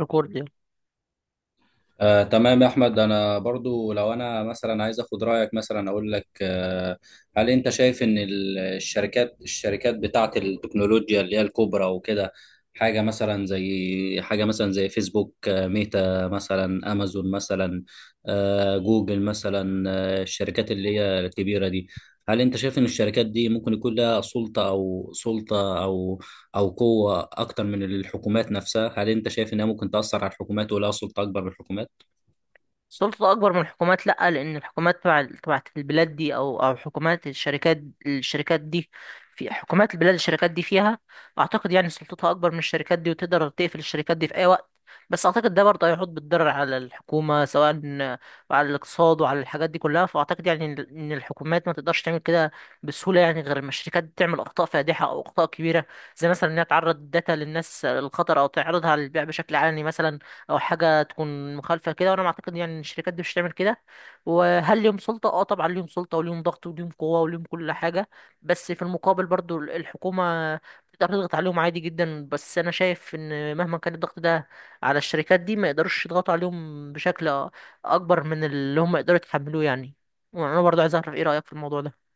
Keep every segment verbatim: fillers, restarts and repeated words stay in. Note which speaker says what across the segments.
Speaker 1: ريكورد يعني.
Speaker 2: آه، تمام يا احمد، انا برضو لو انا مثلا عايز اخد رايك مثلا اقول لك آه، هل انت شايف ان ال- الشركات الشركات بتاعه التكنولوجيا اللي هي الكبرى وكده؟ حاجه مثلا زي حاجه مثلا زي فيسبوك، آه، ميتا مثلا، امازون مثلا، آه، جوجل مثلا، آه، الشركات اللي هي الكبيره دي، هل انت شايف ان الشركات دي ممكن يكون لها سلطه او سلطه او او قوه اكتر من الحكومات نفسها؟ هل انت شايف انها ممكن تاثر على الحكومات ولها سلطه اكبر من الحكومات؟
Speaker 1: السلطة أكبر من الحكومات، لأ، لأن الحكومات تبع تبعت البلاد دي أو أو حكومات الشركات الشركات دي في حكومات البلاد الشركات دي فيها، أعتقد يعني سلطتها أكبر من الشركات دي، وتقدر تقفل الشركات دي في أي وقت. بس أعتقد ده برضه هيحط بالضرر على الحكومة، سواء على الاقتصاد وعلى الحاجات دي كلها. فأعتقد يعني إن إن الحكومات ما تقدرش تعمل كده بسهولة يعني، غير ما الشركات تعمل أخطاء فادحة أو أخطاء كبيرة، زي مثلا إنها تعرض الداتا للناس للخطر، أو تعرضها للبيع بشكل علني مثلا، او حاجه تكون مخالفه كده. وانا معتقد يعني ان الشركات دي مش هتعمل كده. وهل ليهم سلطه؟ اه طبعا ليهم سلطه، وليهم ضغط، وليهم قوه، وليهم كل حاجه. بس في المقابل برضو الحكومه تقدر تضغط عليهم عادي جدا. بس انا شايف ان مهما كان الضغط ده على الشركات دي، ما يقدروش يضغطوا عليهم بشكل اكبر من اللي هم يقدروا يتحملوه يعني. وانا برضو عايز اعرف ايه رايك في الموضوع ده.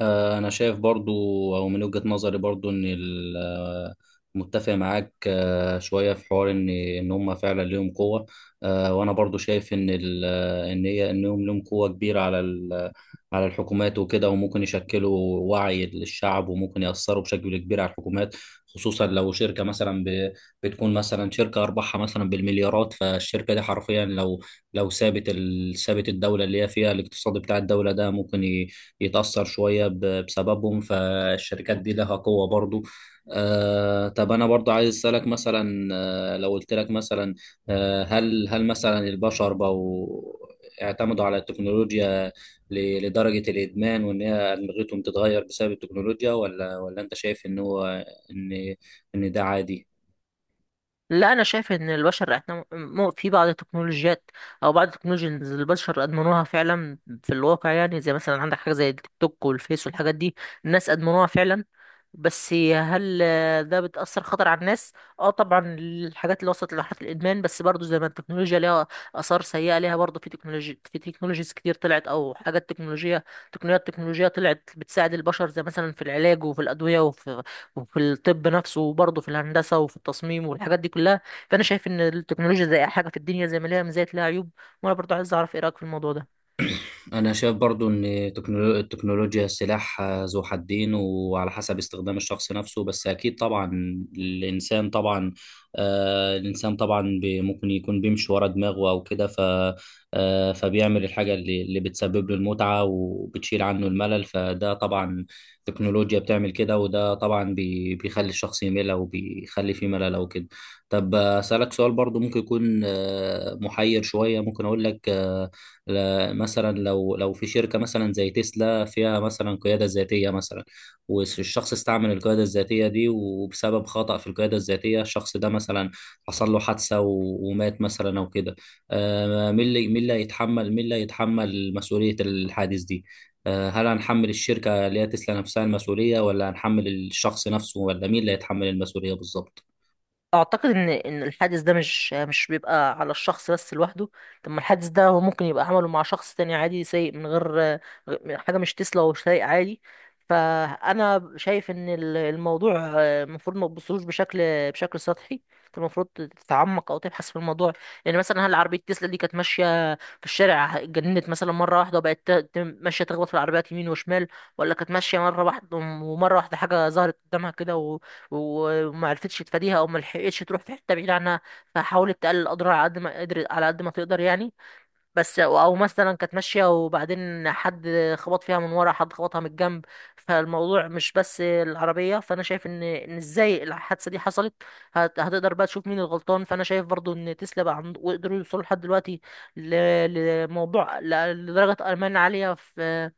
Speaker 2: آه، أنا شايف برضو، أو من وجهة نظري برضو، إن ال- آه، متفق معاك آه، شوية في حوار، إن إن هم فعلا ليهم قوة. آه، وأنا برضو شايف إن ال- آه، إن هي إنهم ليهم قوة كبيرة على ال- على الحكومات وكده، وممكن يشكلوا وعي للشعب وممكن يأثروا بشكل كبير على الحكومات، خصوصا لو شركة مثلا ب- بتكون مثلا شركة أرباحها مثلا بالمليارات. فالشركة دي حرفيا لو لو سابت ال- سابت الدولة اللي هي فيها، الاقتصاد بتاع الدولة ده ممكن ي- يتأثر شوية ب- بسببهم. فالشركات دي لها قوة برضو. آه، طب أنا برضو عايز أسألك مثلا، آه، لو قلت لك مثلا، آه، هل هل مثلا البشر بقوا اعتمدوا على التكنولوجيا ل- لدرجة الإدمان، وإن هي أدمغتهم تتغير بسبب التكنولوجيا؟ ولا ولا أنت شايف إن هو، إن إن ده عادي؟
Speaker 1: لا، انا شايف ان البشر احنا م- م- في بعض التكنولوجيات او بعض التكنولوجيز، البشر ادمنوها فعلا في الواقع يعني. زي مثلا عندك حاجه زي التيك توك والفيس والحاجات دي، الناس ادمنوها فعلا. بس هل آه، ده بتأثر خطر على الناس؟ اه طبعا، الحاجات اللي وصلت لمرحلة الإدمان. بس برضو زي ما التكنولوجيا ليها آثار سيئة، ليها برضو في تكنولوجي في تكنولوجيز كتير طلعت، أو حاجات تكنولوجية، تقنيات تكنولوجية طلعت بتساعد البشر، زي مثلا في العلاج وفي الأدوية وفي وفي الطب نفسه، وبرضو في الهندسة وفي التصميم والحاجات دي كلها. فأنا شايف إن التكنولوجيا زي أي حاجة في الدنيا، زي ما ليها مزايا ليها عيوب. وأنا برضو عايز أعرف إيه رأيك في الموضوع ده.
Speaker 2: أنا شايف برضو إن تكنولو- التكنولوجيا سلاح آه، ذو حدين وعلى حسب استخدام الشخص نفسه. بس أكيد طبعا الإنسان طبعا، آه الإنسان طبعا بي- ممكن يكون بيمشي ورا دماغه أو كده، ف آه فبيعمل الحاجة اللي, اللي بتسبب له المتعة وبتشيل عنه الملل. فده طبعا التكنولوجيا بتعمل كده، وده طبعا بي بيخلي الشخص يمل أو بيخلي فيه ملل أو كده. طب آه، أسألك سؤال برضو ممكن يكون آه محير شوية. ممكن أقول لك آه، ل- مثلا لو لو في شركه مثلا زي تسلا فيها مثلا قياده ذاتيه مثلا، والشخص استعمل القياده الذاتيه دي، وبسبب خطأ في القياده الذاتيه الشخص ده مثلا حصل له حادثه و- ومات مثلا او كده، آه، مين اللي مين اللي هيتحمل مين اللي هيتحمل مسؤوليه الحادث دي؟ آه، هل هنحمل الشركه اللي هي تسلا نفسها المسؤوليه، ولا هنحمل الشخص نفسه، ولا مين اللي هيتحمل المسؤوليه بالظبط؟
Speaker 1: اعتقد ان ان الحادث ده مش مش بيبقى على الشخص بس لوحده. طب ما الحادث ده هو ممكن يبقى عمله مع شخص تاني عادي سايق، من غير غ- حاجه مش تسلا ومش سايق عادي. فانا شايف ان ال- الموضوع آه، المفروض ما تبصلوش بشكل بشكل سطحي، انت المفروض تتعمق او تبحث في الموضوع. يعني مثلا هل عربيه تسلا دي كانت ماشيه في الشارع اتجننت مثلا مره واحده، وبقت ت- ت- ماشيه تخبط في العربيات يمين وشمال؟ ولا كانت ماشيه، مره واحده ومره واحده حاجه ظهرت قدامها كده وما عرفتش تفاديها او ما لحقتش تروح في حته بعيده عنها، فحاولت تقلل الاضرار على قد ما قدرت على قد ما تقدر يعني؟ بس او مثلا كانت ماشيه وبعدين حد خبط فيها من ورا، حد خبطها من الجنب. فالموضوع مش بس العربيه. فانا شايف ان ان ازاي الحادثه دي حصلت، هت- هتقدر بقى تشوف مين الغلطان. فانا شايف برضو ان تسلا بقى عند... وقدروا يوصلوا لحد دلوقتي ل... لموضوع ل... لدرجه امان عاليه في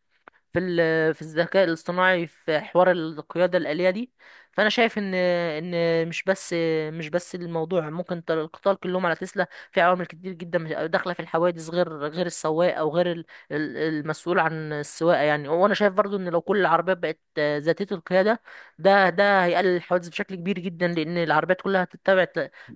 Speaker 1: في ال- في الذكاء الاصطناعي في حوار القيادة الآلية دي. فأنا شايف إن إن مش بس، مش بس الموضوع ممكن تل- القطار كلهم على تسلا، في عوامل كتير جدا داخلة في الحوادث غير غير السواق أو غير ال- ال- المسؤول عن السواقة يعني. وأنا شايف برضو إن لو كل العربيات بقت ذاتية القيادة، ده ده هيقلل الحوادث بشكل كبير جدا، لأن العربيات كلها هتتبع،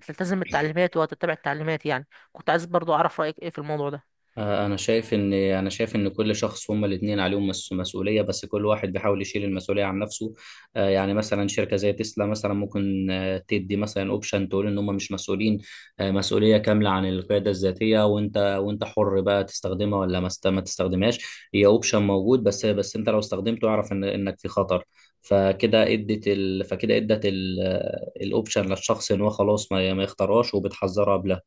Speaker 1: تلتزم التعليمات وهتتبع التعليمات يعني. كنت عايز برضو أعرف رأيك إيه في الموضوع ده.
Speaker 2: آه، انا شايف ان انا شايف ان كل شخص، هما الاثنين عليهم مس- مسؤوليه، بس كل واحد بيحاول يشيل المسؤوليه عن نفسه. آه، يعني مثلا شركه زي تسلا مثلا ممكن آه، تدي مثلا اوبشن، تقول ان هم مش مسؤولين آه، مسؤوليه كامله عن القياده الذاتيه، وانت وانت حر بقى تستخدمها ولا ما است- ما تستخدمهاش. هي اوبشن موجود، بس بس انت لو استخدمته اعرف ان انك في خطر. فكده ادت ال... فكده ادت ال... الاوبشن للشخص ان هو خلاص ما ما يختارهاش وبتحذره قبلها.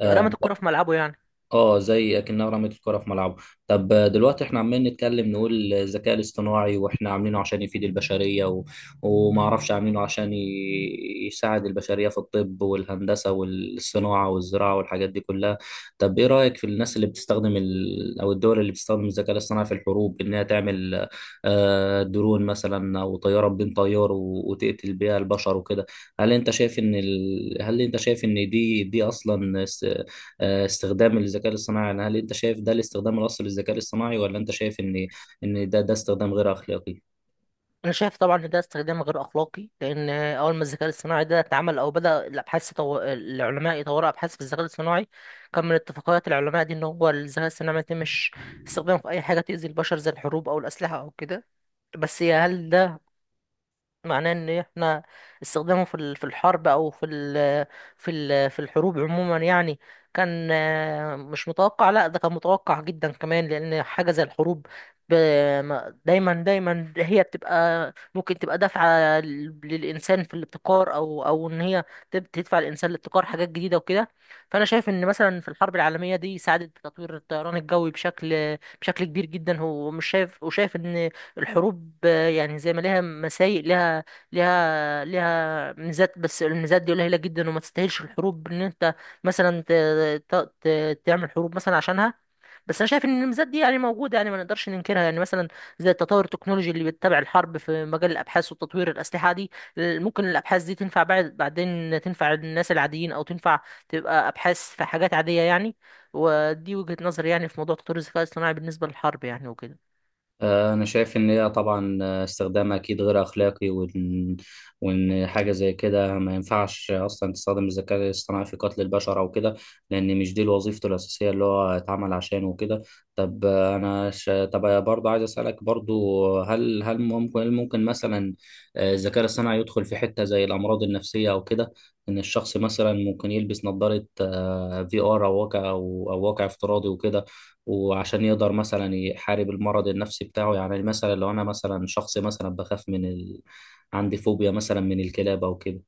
Speaker 2: آه،
Speaker 1: رمت الكرة في ملعبه يعني.
Speaker 2: اه، زي اكنها رمت الكره في ملعبه. طب دلوقتي احنا عمالين نتكلم نقول الذكاء الاصطناعي واحنا عاملينه عشان يفيد البشريه و... وما اعرفش عاملينه عشان ي... يساعد البشريه في الطب والهندسه والصناعه والزراعه والحاجات دي كلها. طب ايه رايك في الناس اللي بتستخدم ال... او الدول اللي بتستخدم الذكاء الاصطناعي في الحروب، انها تعمل آه، درون مثلا او طياره بدون طيار و... وتقتل بيها البشر وكده؟ هل انت شايف ان ال... هل انت شايف ان دي دي اصلا آه، استخدام الذكاء الاصطناعي؟ يعني هل انت شايف ده الاستخدام الاصلي للذكاء الاصطناعي، ولا انت شايف ان ان ده ده استخدام غير اخلاقي؟
Speaker 1: انا شايف طبعا ان ده استخدام غير اخلاقي، لان اول ما الذكاء الاصطناعي ده اتعمل او بدا الابحاث، طو... العلماء يطوروا ابحاث في الذكاء الاصطناعي، كان من اتفاقيات العلماء دي ان هو الذكاء الاصطناعي ما يتمش استخدامه في اي حاجه تؤذي البشر، زي الحروب او الاسلحه او كده. بس هل معناه ان احنا استخدامه في ال- في الحرب او في ال في ال في الحروب عموما يعني كان آه، مش متوقع؟ لا ده كان متوقع جدا كمان، لان حاجه زي الحروب ب- ما- دايما دايما هي بتبقى، ممكن تبقى دافعه لل- للانسان في الابتكار، او او ان هي تب- تدفع الانسان لابتكار حاجات جديده وكده. فانا شايف ان مثلا في الحرب العالميه دي ساعدت في تطوير الطيران الجوي بشكل بشكل كبير جدا، هو مش شايف وشايف ان الحروب آه، يعني زي ما ليها مسايق ليها، ليها ليها ميزات. بس الميزات دي قليلة جدا، وما تستاهلش الحروب ان انت مثلا ت... ت... ت... تعمل حروب مثلا عشانها. بس انا شايف ان الميزات دي يعني موجودة، يعني ما نقدرش ننكرها. يعني مثلا زي التطور التكنولوجي اللي بيتبع الحرب في مجال الابحاث وتطوير الاسلحة دي، ال- ممكن الابحاث دي تنفع بعد بعدين، تنفع الناس العاديين، او تنفع تبقى ابحاث في حاجات عادية يعني. ودي وجهة نظري يعني في موضوع تطوير الذكاء الاصطناعي بالنسبة للحرب يعني وكده.
Speaker 2: آه، أنا شايف إن هي طبعا آه، استخدامها أكيد غير أخلاقي، وإن وإن حاجة زي كده ما ينفعش أصلا تستخدم الذكاء الاصطناعي في قتل البشر أو كده، لأن مش دي وظيفته الأساسية اللي هو اتعمل عشانه وكده. طب آه، أنا ش... طب آه، برضه عايز أسألك برضه، هل هل ممكن هل ممكن مثلا آه، الذكاء الاصطناعي يدخل في حتة زي الأمراض النفسية أو كده؟ إن الشخص مثلا ممكن يلبس نظارة آه، في آر، أو واقع، أو أو واقع افتراضي وكده، وعشان يقدر مثلا يحارب المرض النفسي بتاعه. يعني مثلا لو انا مثلا شخص مثلا بخاف من ال... عندي فوبيا مثلا من الكلاب او كده،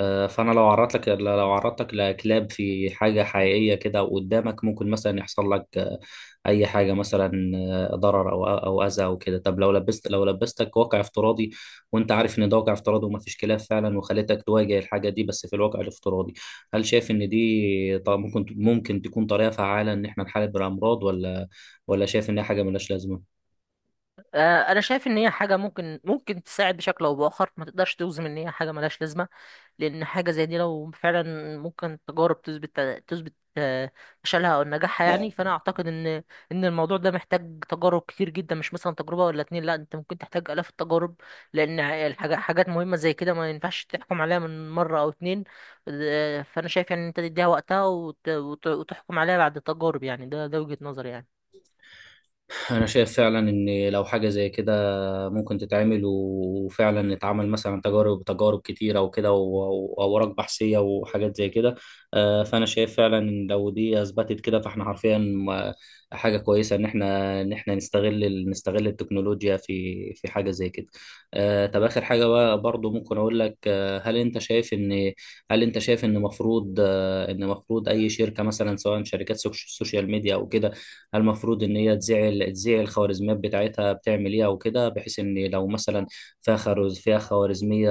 Speaker 2: آه، فانا لو عرضت لك لو عرضت لك لكلاب في حاجه حقيقيه كده قدامك، ممكن مثلا يحصل لك آه، اي حاجه مثلا، آه، ضرر او او اذى او كده. طب لو لبست لو لبستك واقع افتراضي، وانت عارف ان ده واقع افتراضي وما فيش كلاب فعلا، وخليتك تواجه الحاجه دي بس في الواقع الافتراضي، هل شايف ان دي، طب ممكن ممكن تكون طريقه فعاله ان احنا نحارب الامراض؟ ولا ولا شايف ان هي حاجه ملهاش لازمه؟
Speaker 1: آه، انا شايف ان هي حاجه ممكن ممكن تساعد بشكل او باخر، ما تقدرش توزم ان هي حاجه ملهاش لازمه. لان حاجه زي دي لو فعلا ممكن تجارب تثبت تثبت آه، فشلها او نجاحها يعني. فانا اعتقد ان ان الموضوع ده محتاج تجارب كتير جدا، مش مثلا تجربه ولا اتنين، لا انت ممكن تحتاج الاف التجارب، لان الحاجه حاجات مهمه زي كده ما ينفعش تحكم عليها من مره او اتنين. آه، فانا شايف يعني ان انت تديها وقتها وت- وت- وتحكم عليها بعد تجارب يعني. ده ده وجهه نظري يعني.
Speaker 2: انا شايف فعلا ان لو حاجه زي كده ممكن تتعمل، وفعلا اتعمل مثلا تجارب تجارب كتيرة وكده، و- وأوراق بحثية وحاجات زي كده. آه، فأنا شايف فعلا إن لو دي أثبتت كده، فإحنا حرفيا آه، حاجة كويسة إن إحنا إن إحنا نستغل ال- نستغل التكنولوجيا في في حاجة زي كده. آه، طب آخر حاجة بقى برضو، ممكن أقول لك آه، هل أنت شايف إن هل أنت شايف إن مفروض آه، إن مفروض أي شركة مثلا، سواء شركات سوش- سوشيال ميديا أو كده، هل المفروض ان هي تذيع تذيع الخوارزميات بتاعتها بتعمل ايه او كده، بحيث ان لو مثلا فيها خرز فيها خوارزميه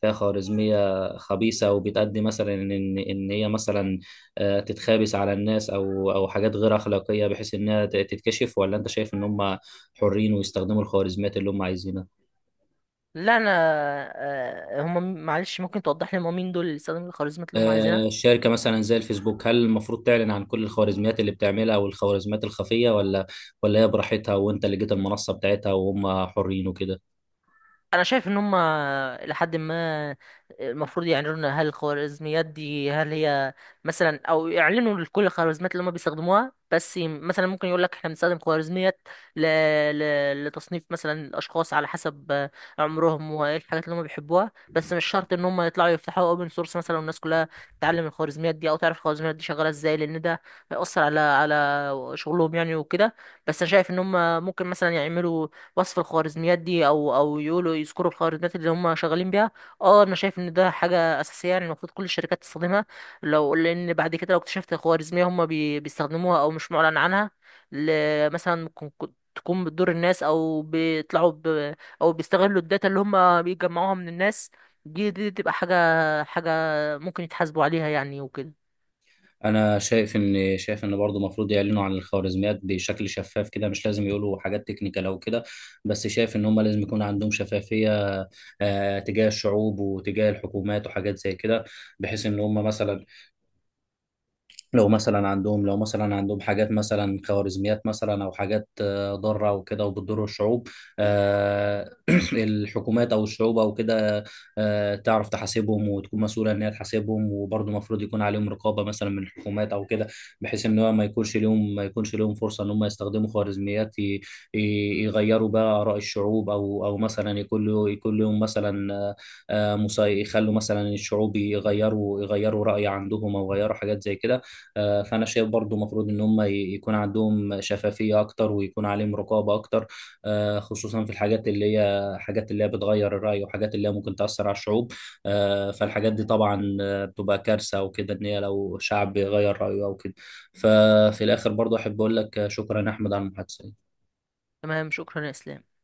Speaker 2: فيها خوارزميه خبيثه، وبتأدي مثلا ان ان هي مثلا آه، تتخابس على الناس او او حاجات غير اخلاقيه، بحيث انها ت- تتكشف؟ ولا انت شايف ان هم حرين ويستخدموا الخوارزميات اللي هم عايزينها؟
Speaker 1: لا انا، آه، هم معلش ممكن توضح لي هم مين دول اللي استخدموا الخوارزميات اللي هم
Speaker 2: آه،
Speaker 1: عايزينها؟
Speaker 2: الشركه مثلا زي الفيسبوك، هل المفروض تعلن عن كل الخوارزميات اللي بتعملها او الخوارزميات الخفيه؟ ولا ولا هي براحتها، وانت اللي جيت المنصه بتاعتها وهم حرين وكده؟
Speaker 1: انا شايف ان هم لحد ما، المفروض يعلنوا لنا هل الخوارزميات دي هل هي مثلا، او يعلنوا لكل الخوارزميات اللي هم بيستخدموها. بس ي- مثلا ممكن يقول لك احنا بنستخدم خوارزميات ل... ل... لتصنيف مثلا الاشخاص على حسب عمرهم وايه الحاجات اللي هم بيحبوها، بس مش شرط ان هم يطلعوا يفتحوا اوبن سورس مثلا والناس كلها تتعلم الخوارزميات دي او تعرف الخوارزميات دي شغاله ازاي، لان ده هيأثر على على شغلهم يعني وكده. بس انا شايف ان هم ممكن مثلا يعملوا وصف الخوارزميات دي، او او يقولوا يذكروا الخوارزميات اللي هم شغالين بيها. اه انا شايف ان ده حاجه اساسيه يعني، المفروض كل الشركات تستخدمها. لو لان بعد كده لو اكتشفت خوارزميه هم بي بيستخدموها او مش معلن عنها، ل- مثلا ممكن كو- تكون بتضر الناس، او بيطلعوا ب... او بيستغلوا الداتا اللي هم بيجمعوها من الناس، دي دي تبقى حاجه حاجه ممكن يتحاسبوا عليها يعني وكده.
Speaker 2: انا شايف ان شايف ان برضه المفروض يعلنوا عن الخوارزميات بشكل شفاف كده، مش لازم يقولوا حاجات تكنيكال او كده، بس شايف ان هم لازم يكون عندهم شفافيه آه، تجاه الشعوب وتجاه الحكومات وحاجات زي كده، بحيث ان هم مثلا، لو مثلا عندهم لو مثلا عندهم حاجات مثلا خوارزميات مثلا او حاجات آه، ضاره وكده وبتضر الشعوب، آه، الحكومات او الشعوب او كده، آه، تعرف تحاسبهم وتكون مسؤوله ان هي تحاسبهم. وبرضه المفروض يكون عليهم رقابه مثلا من الحكومات او كده، بحيث ان هو ما يكونش لهم ما يكونش لهم فرصه ان هم يستخدموا خوارزميات ي- ي- يغيروا بقى اراء الشعوب، او او مثلا يكون له يكون لهم مثلا آه، آه، مسا- يخلوا مثلا الشعوب يغيروا يغيروا راي عندهم، او يغيروا حاجات زي كده. آه، فانا شايف برضو مفروض ان هم ي- يكون عندهم شفافيه اكتر، ويكون عليهم رقابه اكتر، آه، خصوصا في الحاجات اللي هي حاجات اللي هي بتغير الراي، وحاجات اللي هي ممكن تاثر على الشعوب. آه، فالحاجات دي طبعا آه، بتبقى كارثه وكده ان هي لو شعب بيغير رايه او كده. ففي الاخر برضو احب اقول لك آه، شكرا يا احمد على المحادثه.
Speaker 1: تمام، شكرا يا اسلام.